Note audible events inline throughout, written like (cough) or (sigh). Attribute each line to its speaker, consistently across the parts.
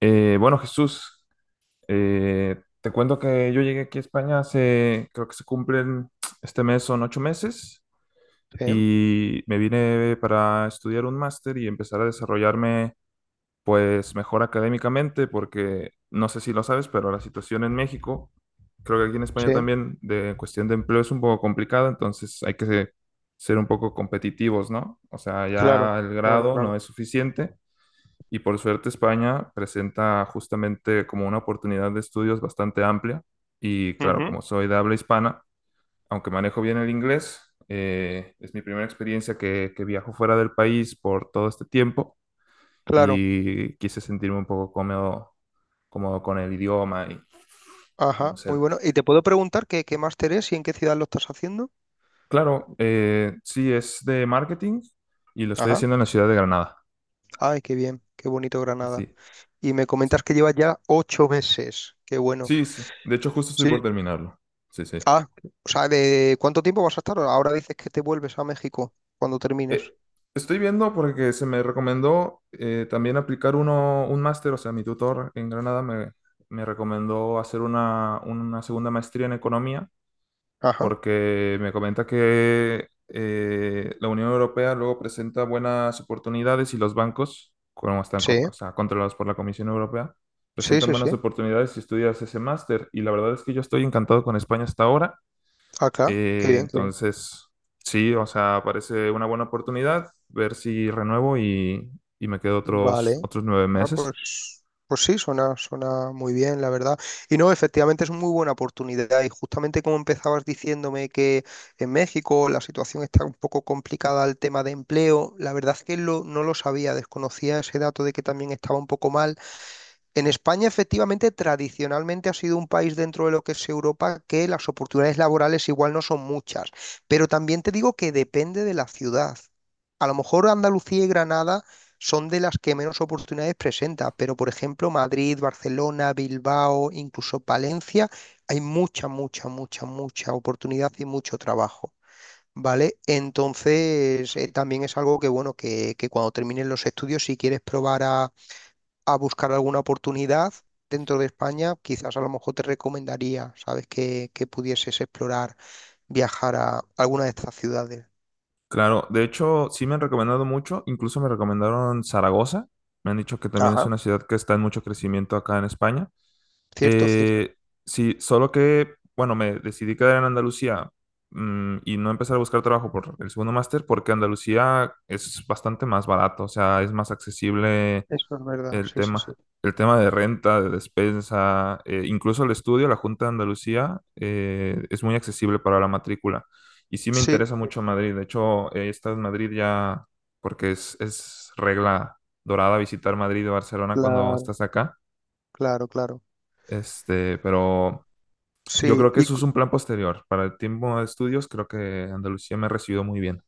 Speaker 1: Bueno, Jesús, te cuento que yo llegué aquí a España hace, creo que se cumplen este mes, son ocho meses,
Speaker 2: Sí,
Speaker 1: y me vine para estudiar un máster y empezar a desarrollarme pues mejor académicamente, porque no sé si lo sabes, pero la situación en México, creo que aquí en España
Speaker 2: sí,
Speaker 1: también, de cuestión de empleo es un poco complicada, entonces hay que ser un poco competitivos, ¿no? O sea,
Speaker 2: claro,
Speaker 1: ya el
Speaker 2: claro,
Speaker 1: grado no
Speaker 2: claro.
Speaker 1: es suficiente y por suerte España presenta justamente como una oportunidad de estudios bastante amplia. Y claro,
Speaker 2: Ujú,
Speaker 1: como soy de habla hispana, aunque manejo bien el inglés, es mi primera experiencia que viajo fuera del país por todo este tiempo
Speaker 2: claro,
Speaker 1: y quise sentirme un poco cómodo, cómodo con el idioma y, y no
Speaker 2: ajá,
Speaker 1: sé.
Speaker 2: muy bueno. ¿Y te puedo preguntar qué máster es y en qué ciudad lo estás haciendo?
Speaker 1: Claro, sí, es de marketing y lo estoy
Speaker 2: Ajá.
Speaker 1: haciendo en la ciudad de Granada.
Speaker 2: Ay, qué bien, qué bonito Granada.
Speaker 1: Sí,
Speaker 2: Y me comentas
Speaker 1: sí,
Speaker 2: que llevas ya ocho meses, qué bueno.
Speaker 1: sí. De hecho, justo estoy
Speaker 2: Sí.
Speaker 1: por terminarlo. Sí, sí.
Speaker 2: Ah, o sea, ¿de cuánto tiempo vas a estar? Ahora dices que te vuelves a México cuando termines.
Speaker 1: Eh, estoy viendo porque se me recomendó también aplicar un máster. O sea, mi tutor en Granada me recomendó hacer una segunda maestría en economía,
Speaker 2: Ajá,
Speaker 1: porque me comenta que la Unión Europea luego presenta buenas oportunidades y los bancos, como están
Speaker 2: sí,
Speaker 1: o sea, controlados por la Comisión Europea,
Speaker 2: sí,
Speaker 1: presentan
Speaker 2: sí, sí.
Speaker 1: buenas oportunidades si estudias ese máster. Y la verdad es que yo estoy encantado con España hasta ahora.
Speaker 2: Acá, qué
Speaker 1: Eh,
Speaker 2: bien, qué bien.
Speaker 1: entonces, sí, o sea, parece una buena oportunidad ver si renuevo y me quedo
Speaker 2: Vale,
Speaker 1: otros nueve
Speaker 2: ah,
Speaker 1: meses.
Speaker 2: pues, pues sí, suena muy bien, la verdad. Y no, efectivamente es una muy buena oportunidad. Y justamente como empezabas diciéndome que en México la situación está un poco complicada al tema de empleo, la verdad es que lo, no lo sabía, desconocía ese dato de que también estaba un poco mal. En España, efectivamente, tradicionalmente ha sido un país dentro de lo que es Europa que las oportunidades laborales igual no son muchas, pero también te digo que depende de la ciudad. A lo mejor Andalucía y Granada son de las que menos oportunidades presenta, pero por ejemplo Madrid, Barcelona, Bilbao, incluso Palencia, hay mucha oportunidad y mucho trabajo. ¿Vale? Entonces, también es algo que, bueno, que cuando termines los estudios, si quieres probar a buscar alguna oportunidad dentro de España, quizás a lo mejor te recomendaría, ¿sabes? Que pudieses explorar, viajar a alguna de estas ciudades.
Speaker 1: Claro, de hecho, sí me han recomendado mucho, incluso me recomendaron Zaragoza, me han dicho que también es
Speaker 2: Ajá.
Speaker 1: una ciudad que está en mucho crecimiento acá en España.
Speaker 2: Cierto, cierto.
Speaker 1: Eh, sí, solo que, bueno, me decidí quedar en Andalucía y no empezar a buscar trabajo por el segundo máster, porque Andalucía es bastante más barato, o sea, es más accesible
Speaker 2: Eso es verdad,
Speaker 1: el
Speaker 2: sí, sí, sí.
Speaker 1: tema, el tema de renta, de despensa, incluso el estudio, la Junta de Andalucía, es muy accesible para la matrícula. Y sí me
Speaker 2: Sí,
Speaker 1: interesa mucho Madrid. De hecho, he estado en Madrid ya, porque es regla dorada visitar Madrid y Barcelona cuando
Speaker 2: cla-
Speaker 1: estás acá.
Speaker 2: claro, claro.
Speaker 1: Este, pero yo
Speaker 2: Sí,
Speaker 1: creo que
Speaker 2: y
Speaker 1: eso es un plan posterior. Para el tiempo de estudios, creo que Andalucía me recibió muy bien.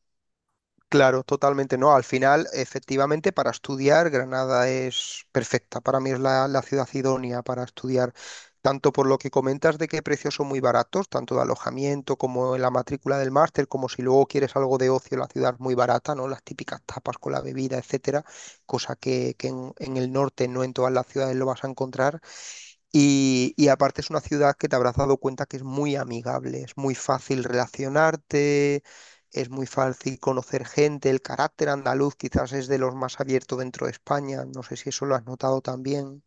Speaker 2: claro, totalmente no. Al final, efectivamente, para estudiar, Granada es perfecta. Para mí es la ciudad idónea para estudiar, tanto por lo que comentas de que precios son muy baratos, tanto de alojamiento como en la matrícula del máster, como si luego quieres algo de ocio, la ciudad es muy barata, ¿no? Las típicas tapas con la bebida, etcétera, cosa que en el norte no en todas las ciudades lo vas a encontrar. Y aparte es una ciudad que te habrás dado cuenta que es muy amigable, es muy fácil relacionarte, es muy fácil conocer gente, el carácter andaluz quizás es de los más abiertos dentro de España, no sé si eso lo has notado también.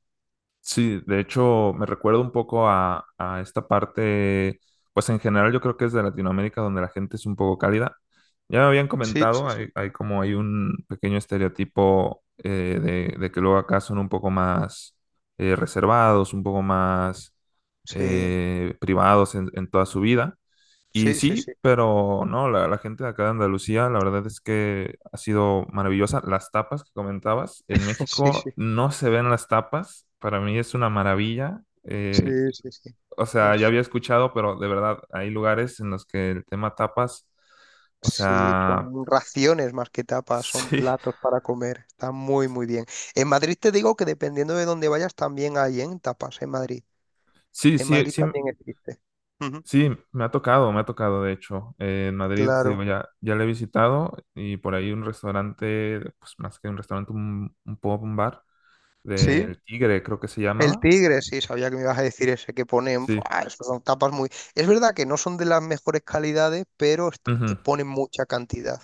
Speaker 1: Sí, de hecho me recuerda un poco a esta parte, pues en general yo creo que es de Latinoamérica, donde la gente es un poco cálida. Ya me habían
Speaker 2: Sí,
Speaker 1: comentado,
Speaker 2: sí, sí.
Speaker 1: hay un pequeño estereotipo de que luego acá son un poco más reservados, un poco más
Speaker 2: Sí,
Speaker 1: privados en toda su vida, y
Speaker 2: sí, sí,
Speaker 1: sí,
Speaker 2: sí,
Speaker 1: pero no, la gente de acá de Andalucía, la verdad es que ha sido maravillosa. Las tapas que comentabas, en
Speaker 2: (laughs) sí, sí,
Speaker 1: México no se ven las tapas, para mí es una maravilla.
Speaker 2: sí, sí, sí.
Speaker 1: O sea, ya
Speaker 2: Es-
Speaker 1: había escuchado, pero de verdad, hay lugares en los que el tema tapas, o
Speaker 2: sí,
Speaker 1: sea,
Speaker 2: son raciones más que tapas, son
Speaker 1: (laughs) sí,
Speaker 2: platos para comer, está muy, muy bien. En Madrid te digo que dependiendo de dónde vayas también hay en tapas en Madrid.
Speaker 1: sí,
Speaker 2: En
Speaker 1: sí,
Speaker 2: Madrid
Speaker 1: sí,
Speaker 2: también existe. Ujú.
Speaker 1: sí, me ha tocado, de hecho. En Madrid, te digo,
Speaker 2: Claro.
Speaker 1: ya le he visitado y por ahí un restaurante, pues más que un restaurante, un pub, un bar
Speaker 2: Sí,
Speaker 1: del Tigre, creo que se
Speaker 2: el
Speaker 1: llamaba.
Speaker 2: tigre, sí, sabía que me ibas a decir ese que ponen.
Speaker 1: Sí.
Speaker 2: ¡Buah! Esas son tapas muy. Es verdad que no son de las mejores calidades, pero
Speaker 1: Ujú,
Speaker 2: ponen mucha cantidad.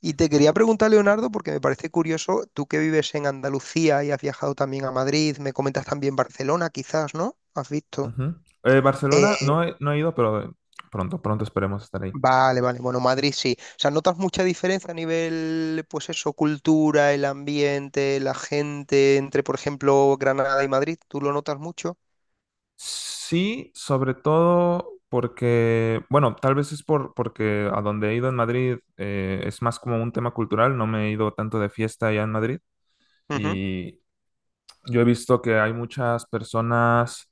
Speaker 2: Y te quería preguntar, Leonardo, porque me parece curioso, tú que vives en Andalucía y has viajado también a Madrid, me comentas también Barcelona, quizás, ¿no? ¿Has visto?
Speaker 1: ujú. Barcelona
Speaker 2: Eh,
Speaker 1: no he ido, pero pronto esperemos estar ahí.
Speaker 2: vale, vale. Bueno, Madrid sí. O sea, ¿notas mucha diferencia a nivel, pues eso, cultura, el ambiente, la gente, entre, por ejemplo, Granada y Madrid? ¿Tú lo notas mucho?
Speaker 1: Sí, sobre todo porque, bueno, tal vez es porque a donde he ido en Madrid es más como un tema cultural, no me he ido tanto de fiesta allá en Madrid,
Speaker 2: Ujú.
Speaker 1: y yo he visto que hay muchas personas.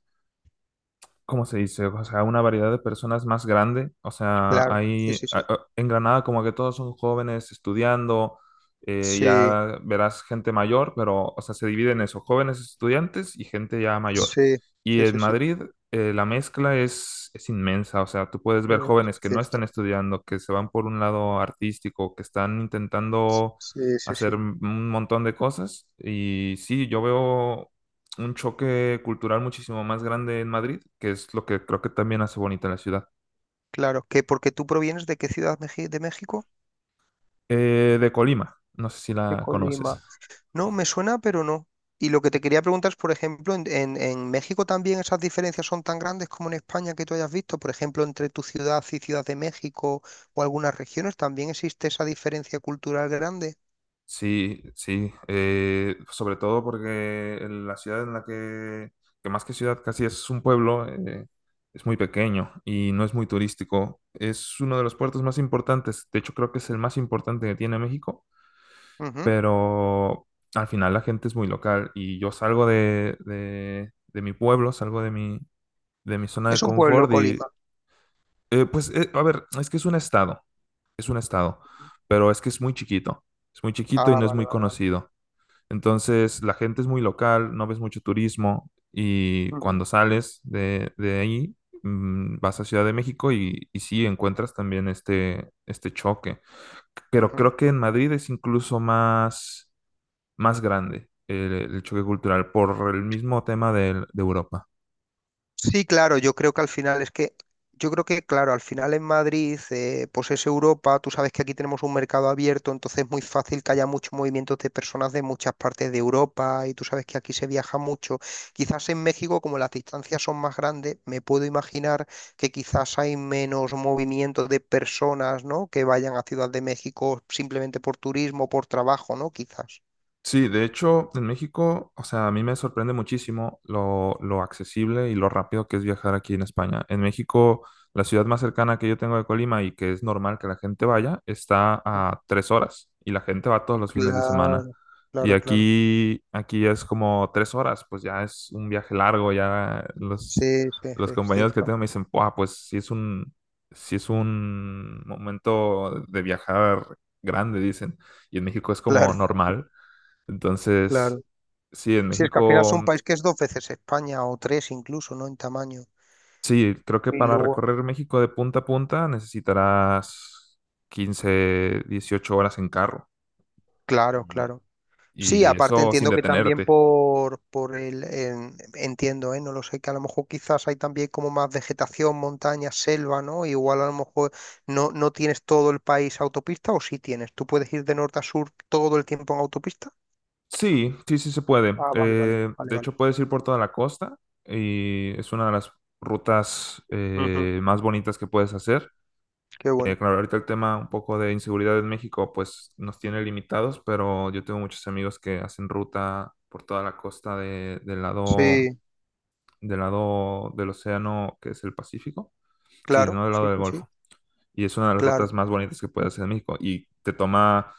Speaker 1: ¿Cómo se dice? O sea, una variedad de personas más grande. O sea,
Speaker 2: Claro, sí, sí, sí.
Speaker 1: en Granada como que todos son jóvenes estudiando,
Speaker 2: Sí,
Speaker 1: ya verás gente mayor, pero, o sea, se dividen en eso, jóvenes estudiantes y gente ya mayor.
Speaker 2: sí,
Speaker 1: Y
Speaker 2: sí,
Speaker 1: en
Speaker 2: sí, sí,
Speaker 1: Madrid la mezcla es inmensa. O sea, tú puedes ver
Speaker 2: es
Speaker 1: jóvenes que no están
Speaker 2: cierto.
Speaker 1: estudiando, que se van por un lado artístico, que están intentando
Speaker 2: Sí, sí, sí,
Speaker 1: hacer un montón de cosas. Y sí, yo veo un choque cultural muchísimo más grande en Madrid, que es lo que creo que también hace bonita la ciudad.
Speaker 2: claro. Que porque tú provienes de qué ciudad, ¿de México?
Speaker 1: De Colima, no sé si
Speaker 2: De
Speaker 1: la conoces.
Speaker 2: Colima. No, me suena, pero no. Y lo que te quería preguntar es, por ejemplo, en México también esas diferencias son tan grandes como en España que tú hayas visto, por ejemplo, entre tu ciudad y Ciudad de México o algunas regiones, también existe esa diferencia cultural grande.
Speaker 1: Sí, sí, sobre todo porque en la ciudad en la que más que ciudad casi es un pueblo, es muy pequeño y no es muy turístico. Es uno de los puertos más importantes, de hecho creo que es el más importante que tiene México,
Speaker 2: Ujú.
Speaker 1: pero al final la gente es muy local y yo salgo de mi pueblo, salgo de mi zona de
Speaker 2: Es un pueblo,
Speaker 1: confort y
Speaker 2: Colima.
Speaker 1: eh, pues, eh, a ver, es que es un estado, es un estado, pero es que es muy chiquito, y
Speaker 2: Ah,
Speaker 1: no es muy
Speaker 2: vale.
Speaker 1: conocido. Entonces, la gente es muy local, no ves mucho turismo y
Speaker 2: Ujú,
Speaker 1: cuando sales de ahí, vas a Ciudad de México y sí encuentras también este choque. Pero
Speaker 2: ujú.
Speaker 1: creo que en Madrid es incluso más grande el choque cultural por el mismo tema de Europa.
Speaker 2: Sí, claro, yo creo que al final es que, yo creo que, claro, al final en Madrid, pues es Europa, tú sabes que aquí tenemos un mercado abierto, entonces es muy fácil que haya muchos movimientos de personas de muchas partes de Europa y tú sabes que aquí se viaja mucho. Quizás en México, como las distancias son más grandes, me puedo imaginar que quizás hay menos movimiento de personas, ¿no? Que vayan a Ciudad de México simplemente por turismo, por trabajo, ¿no? Quizás.
Speaker 1: Sí, de hecho, en México, o sea, a mí me sorprende muchísimo lo accesible y lo rápido que es viajar aquí en España. En México, la ciudad más cercana que yo tengo de Colima y que es normal que la gente vaya, está a tres horas y la gente va todos los fines de semana.
Speaker 2: Claro, claro, claro.
Speaker 1: Aquí es como tres horas, pues ya es un viaje largo, ya
Speaker 2: Sí, sí, sí,
Speaker 1: los
Speaker 2: es
Speaker 1: compañeros que
Speaker 2: cierto.
Speaker 1: tengo me dicen: "Buah, pues sí es un momento de viajar grande", dicen. Y en México es
Speaker 2: (laughs)
Speaker 1: como
Speaker 2: Claro,
Speaker 1: normal. Entonces,
Speaker 2: claro.
Speaker 1: sí, en
Speaker 2: Si es que al final es
Speaker 1: México,
Speaker 2: un país que es dos veces España o tres incluso, ¿no? En tamaño.
Speaker 1: sí, creo que
Speaker 2: Y
Speaker 1: para
Speaker 2: luego,
Speaker 1: recorrer México de punta a punta necesitarás 15 18 horas en carro.
Speaker 2: claro,
Speaker 1: Y,
Speaker 2: claro. Sí,
Speaker 1: y
Speaker 2: aparte
Speaker 1: eso sin
Speaker 2: entiendo que también
Speaker 1: detenerte.
Speaker 2: entiendo, ¿eh? No lo sé, que a lo mejor quizás hay también como más vegetación, montaña, selva, ¿no? Igual a lo mejor no tienes todo el país autopista o sí tienes. ¿Tú puedes ir de norte a sur todo el tiempo en autopista?
Speaker 1: Sí, sí, sí se puede.
Speaker 2: Ah,
Speaker 1: De
Speaker 2: vale.
Speaker 1: hecho, puedes ir por toda la costa y es una de las rutas
Speaker 2: Ujú.
Speaker 1: más bonitas que puedes hacer.
Speaker 2: Qué bueno.
Speaker 1: Claro, ahorita el tema un poco de inseguridad en México pues nos tiene limitados, pero yo tengo muchos amigos que hacen ruta por toda la costa del lado
Speaker 2: Sí,
Speaker 1: del océano, que es el Pacífico, sí,
Speaker 2: claro,
Speaker 1: no del
Speaker 2: sí,
Speaker 1: lado del
Speaker 2: sí, sí,
Speaker 1: Golfo. Y es una de las rutas
Speaker 2: claro.
Speaker 1: más bonitas que puedes hacer en México. Y te toma,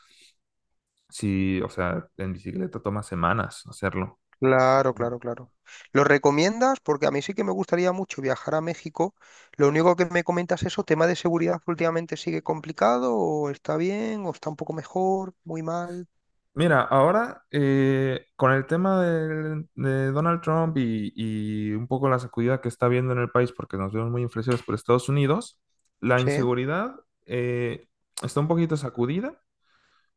Speaker 1: sí, o sea, en bicicleta toma semanas hacerlo.
Speaker 2: Claro, claro, claro. ¿Lo recomiendas? Porque a mí sí que me gustaría mucho viajar a México. Lo único que me comentas es eso, tema de seguridad que últimamente sigue complicado, o está bien, o está un poco mejor, muy mal.
Speaker 1: Mira, ahora con el tema de Donald Trump y un poco la sacudida que está viendo en el país, porque nos vemos muy influenciados por Estados Unidos, la
Speaker 2: Sí.
Speaker 1: inseguridad eh, está un poquito sacudida.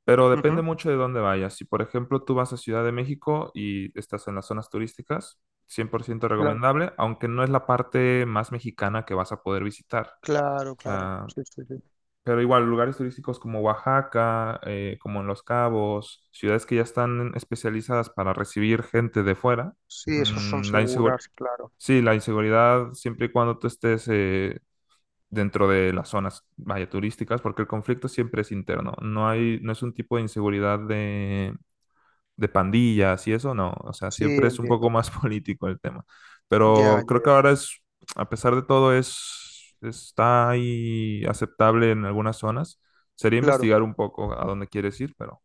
Speaker 1: Pero depende
Speaker 2: Ujú,
Speaker 1: mucho de dónde vayas. Si, por ejemplo, tú vas a Ciudad de México y estás en las zonas turísticas, 100%
Speaker 2: claro,
Speaker 1: recomendable, aunque no es la parte más mexicana que vas a poder visitar.
Speaker 2: claro,
Speaker 1: O
Speaker 2: claro.
Speaker 1: sea,
Speaker 2: Sí, sí, sí.
Speaker 1: pero igual, lugares turísticos como Oaxaca, como en Los Cabos, ciudades que ya están especializadas para recibir gente de fuera,
Speaker 2: Sí, esos son
Speaker 1: mm, la insegur-
Speaker 2: seguras, claro.
Speaker 1: sí, la inseguridad, siempre y cuando tú estés dentro de las zonas, vaya, turísticas, porque el conflicto siempre es interno. No hay, no es un tipo de inseguridad de pandillas y eso, no. O sea,
Speaker 2: Sí,
Speaker 1: siempre es un poco
Speaker 2: entiendo.
Speaker 1: más (laughs) político el tema.
Speaker 2: Ya,
Speaker 1: Pero
Speaker 2: ya,
Speaker 1: creo que
Speaker 2: ya.
Speaker 1: ahora a pesar de todo, está ahí aceptable en algunas zonas. Sería
Speaker 2: Claro.
Speaker 1: investigar un poco a dónde quieres ir, pero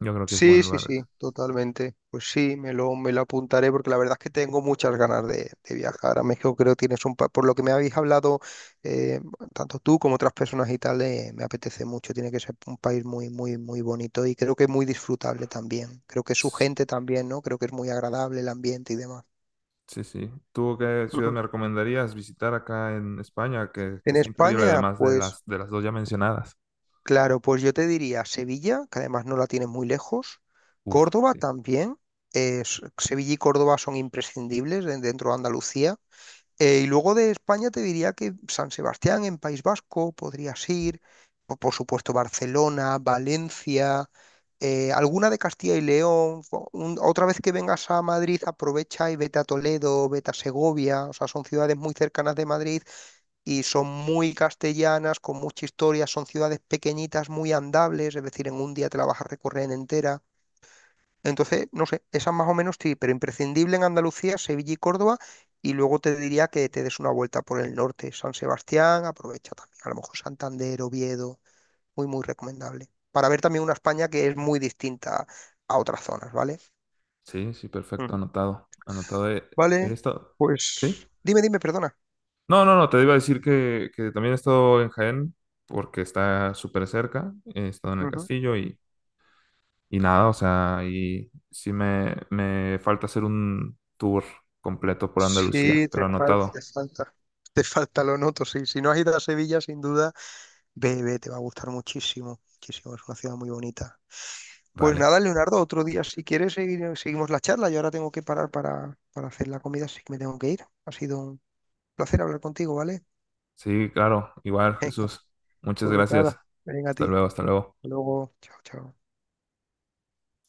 Speaker 1: yo creo que es
Speaker 2: Sí,
Speaker 1: buen
Speaker 2: sí,
Speaker 1: lugar
Speaker 2: sí,
Speaker 1: ahorita.
Speaker 2: totalmente. Pues sí, me lo apuntaré porque la verdad es que tengo muchas ganas de viajar a México. Creo que tienes un... Por lo que me habéis hablado, eh, tanto tú como otras personas y tal, me apetece mucho. Tiene que ser un país muy, muy, muy bonito y creo que muy disfrutable también. Creo que su
Speaker 1: Ps,
Speaker 2: gente también, ¿no? Creo que es muy agradable el ambiente y demás.
Speaker 1: sí, sí. ¿Tú qué ciudad
Speaker 2: Ujú.
Speaker 1: me recomendarías visitar acá en España? Que
Speaker 2: En
Speaker 1: es imperdible,
Speaker 2: España,
Speaker 1: además de
Speaker 2: pues...
Speaker 1: de las dos ya mencionadas.
Speaker 2: Claro, pues yo te diría Sevilla, que además no la tienes muy lejos.
Speaker 1: Uf,
Speaker 2: Córdoba
Speaker 1: sí.
Speaker 2: también. Sevilla y Córdoba son imprescindibles dentro de Andalucía. Y luego de España te diría que San Sebastián en País Vasco podrías ir. O por supuesto Barcelona, Valencia, alguna de Castilla y León. Otra vez que vengas a Madrid, aprovecha y vete a Toledo, vete a Segovia. O sea, son ciudades muy cercanas de Madrid y son muy castellanas, con mucha historia, son ciudades pequeñitas, muy andables, es decir, en un día te la vas a recorrer entera. Entonces, no sé, esas más o menos sí, pero imprescindible en Andalucía, Sevilla y Córdoba, y luego te diría que te des una vuelta por el norte, San Sebastián, aprovecha también, a lo mejor Santander, Oviedo, muy, muy recomendable, para ver también una España que es muy distinta a otras zonas, ¿vale?
Speaker 1: Sí, sí, perfecto,
Speaker 2: Ujú,
Speaker 1: anotado. Anotado.
Speaker 2: vale,
Speaker 1: He estado. ¿Sí?
Speaker 2: pues dime, perdona.
Speaker 1: No, no, no, te iba a decir que también he estado en Jaén, porque está súper cerca. He estado en el
Speaker 2: Ujú.
Speaker 1: castillo y nada, o sea, y sí me falta hacer un tour completo por Andalucía,
Speaker 2: Sí,
Speaker 1: pero
Speaker 2: te falta,
Speaker 1: anotado.
Speaker 2: te falta. Te falta, lo noto. Sí, si no has ido a Sevilla, sin duda, ve, ve, te va a gustar muchísimo. Muchísimo, es una ciudad muy bonita. Pues
Speaker 1: Vale.
Speaker 2: nada, Leonardo, otro día, si quieres, seguimos la charla. Yo ahora tengo que parar para hacer la comida, así que me tengo que ir. Ha sido un placer hablar contigo, ¿vale?
Speaker 1: Sí, claro, igual,
Speaker 2: (laughs) Venga,
Speaker 1: Jesús. Muchas
Speaker 2: pues
Speaker 1: gracias.
Speaker 2: nada, venga a ti.
Speaker 1: Hasta luego, hasta
Speaker 2: Hasta
Speaker 1: luego.
Speaker 2: luego, chao, chao.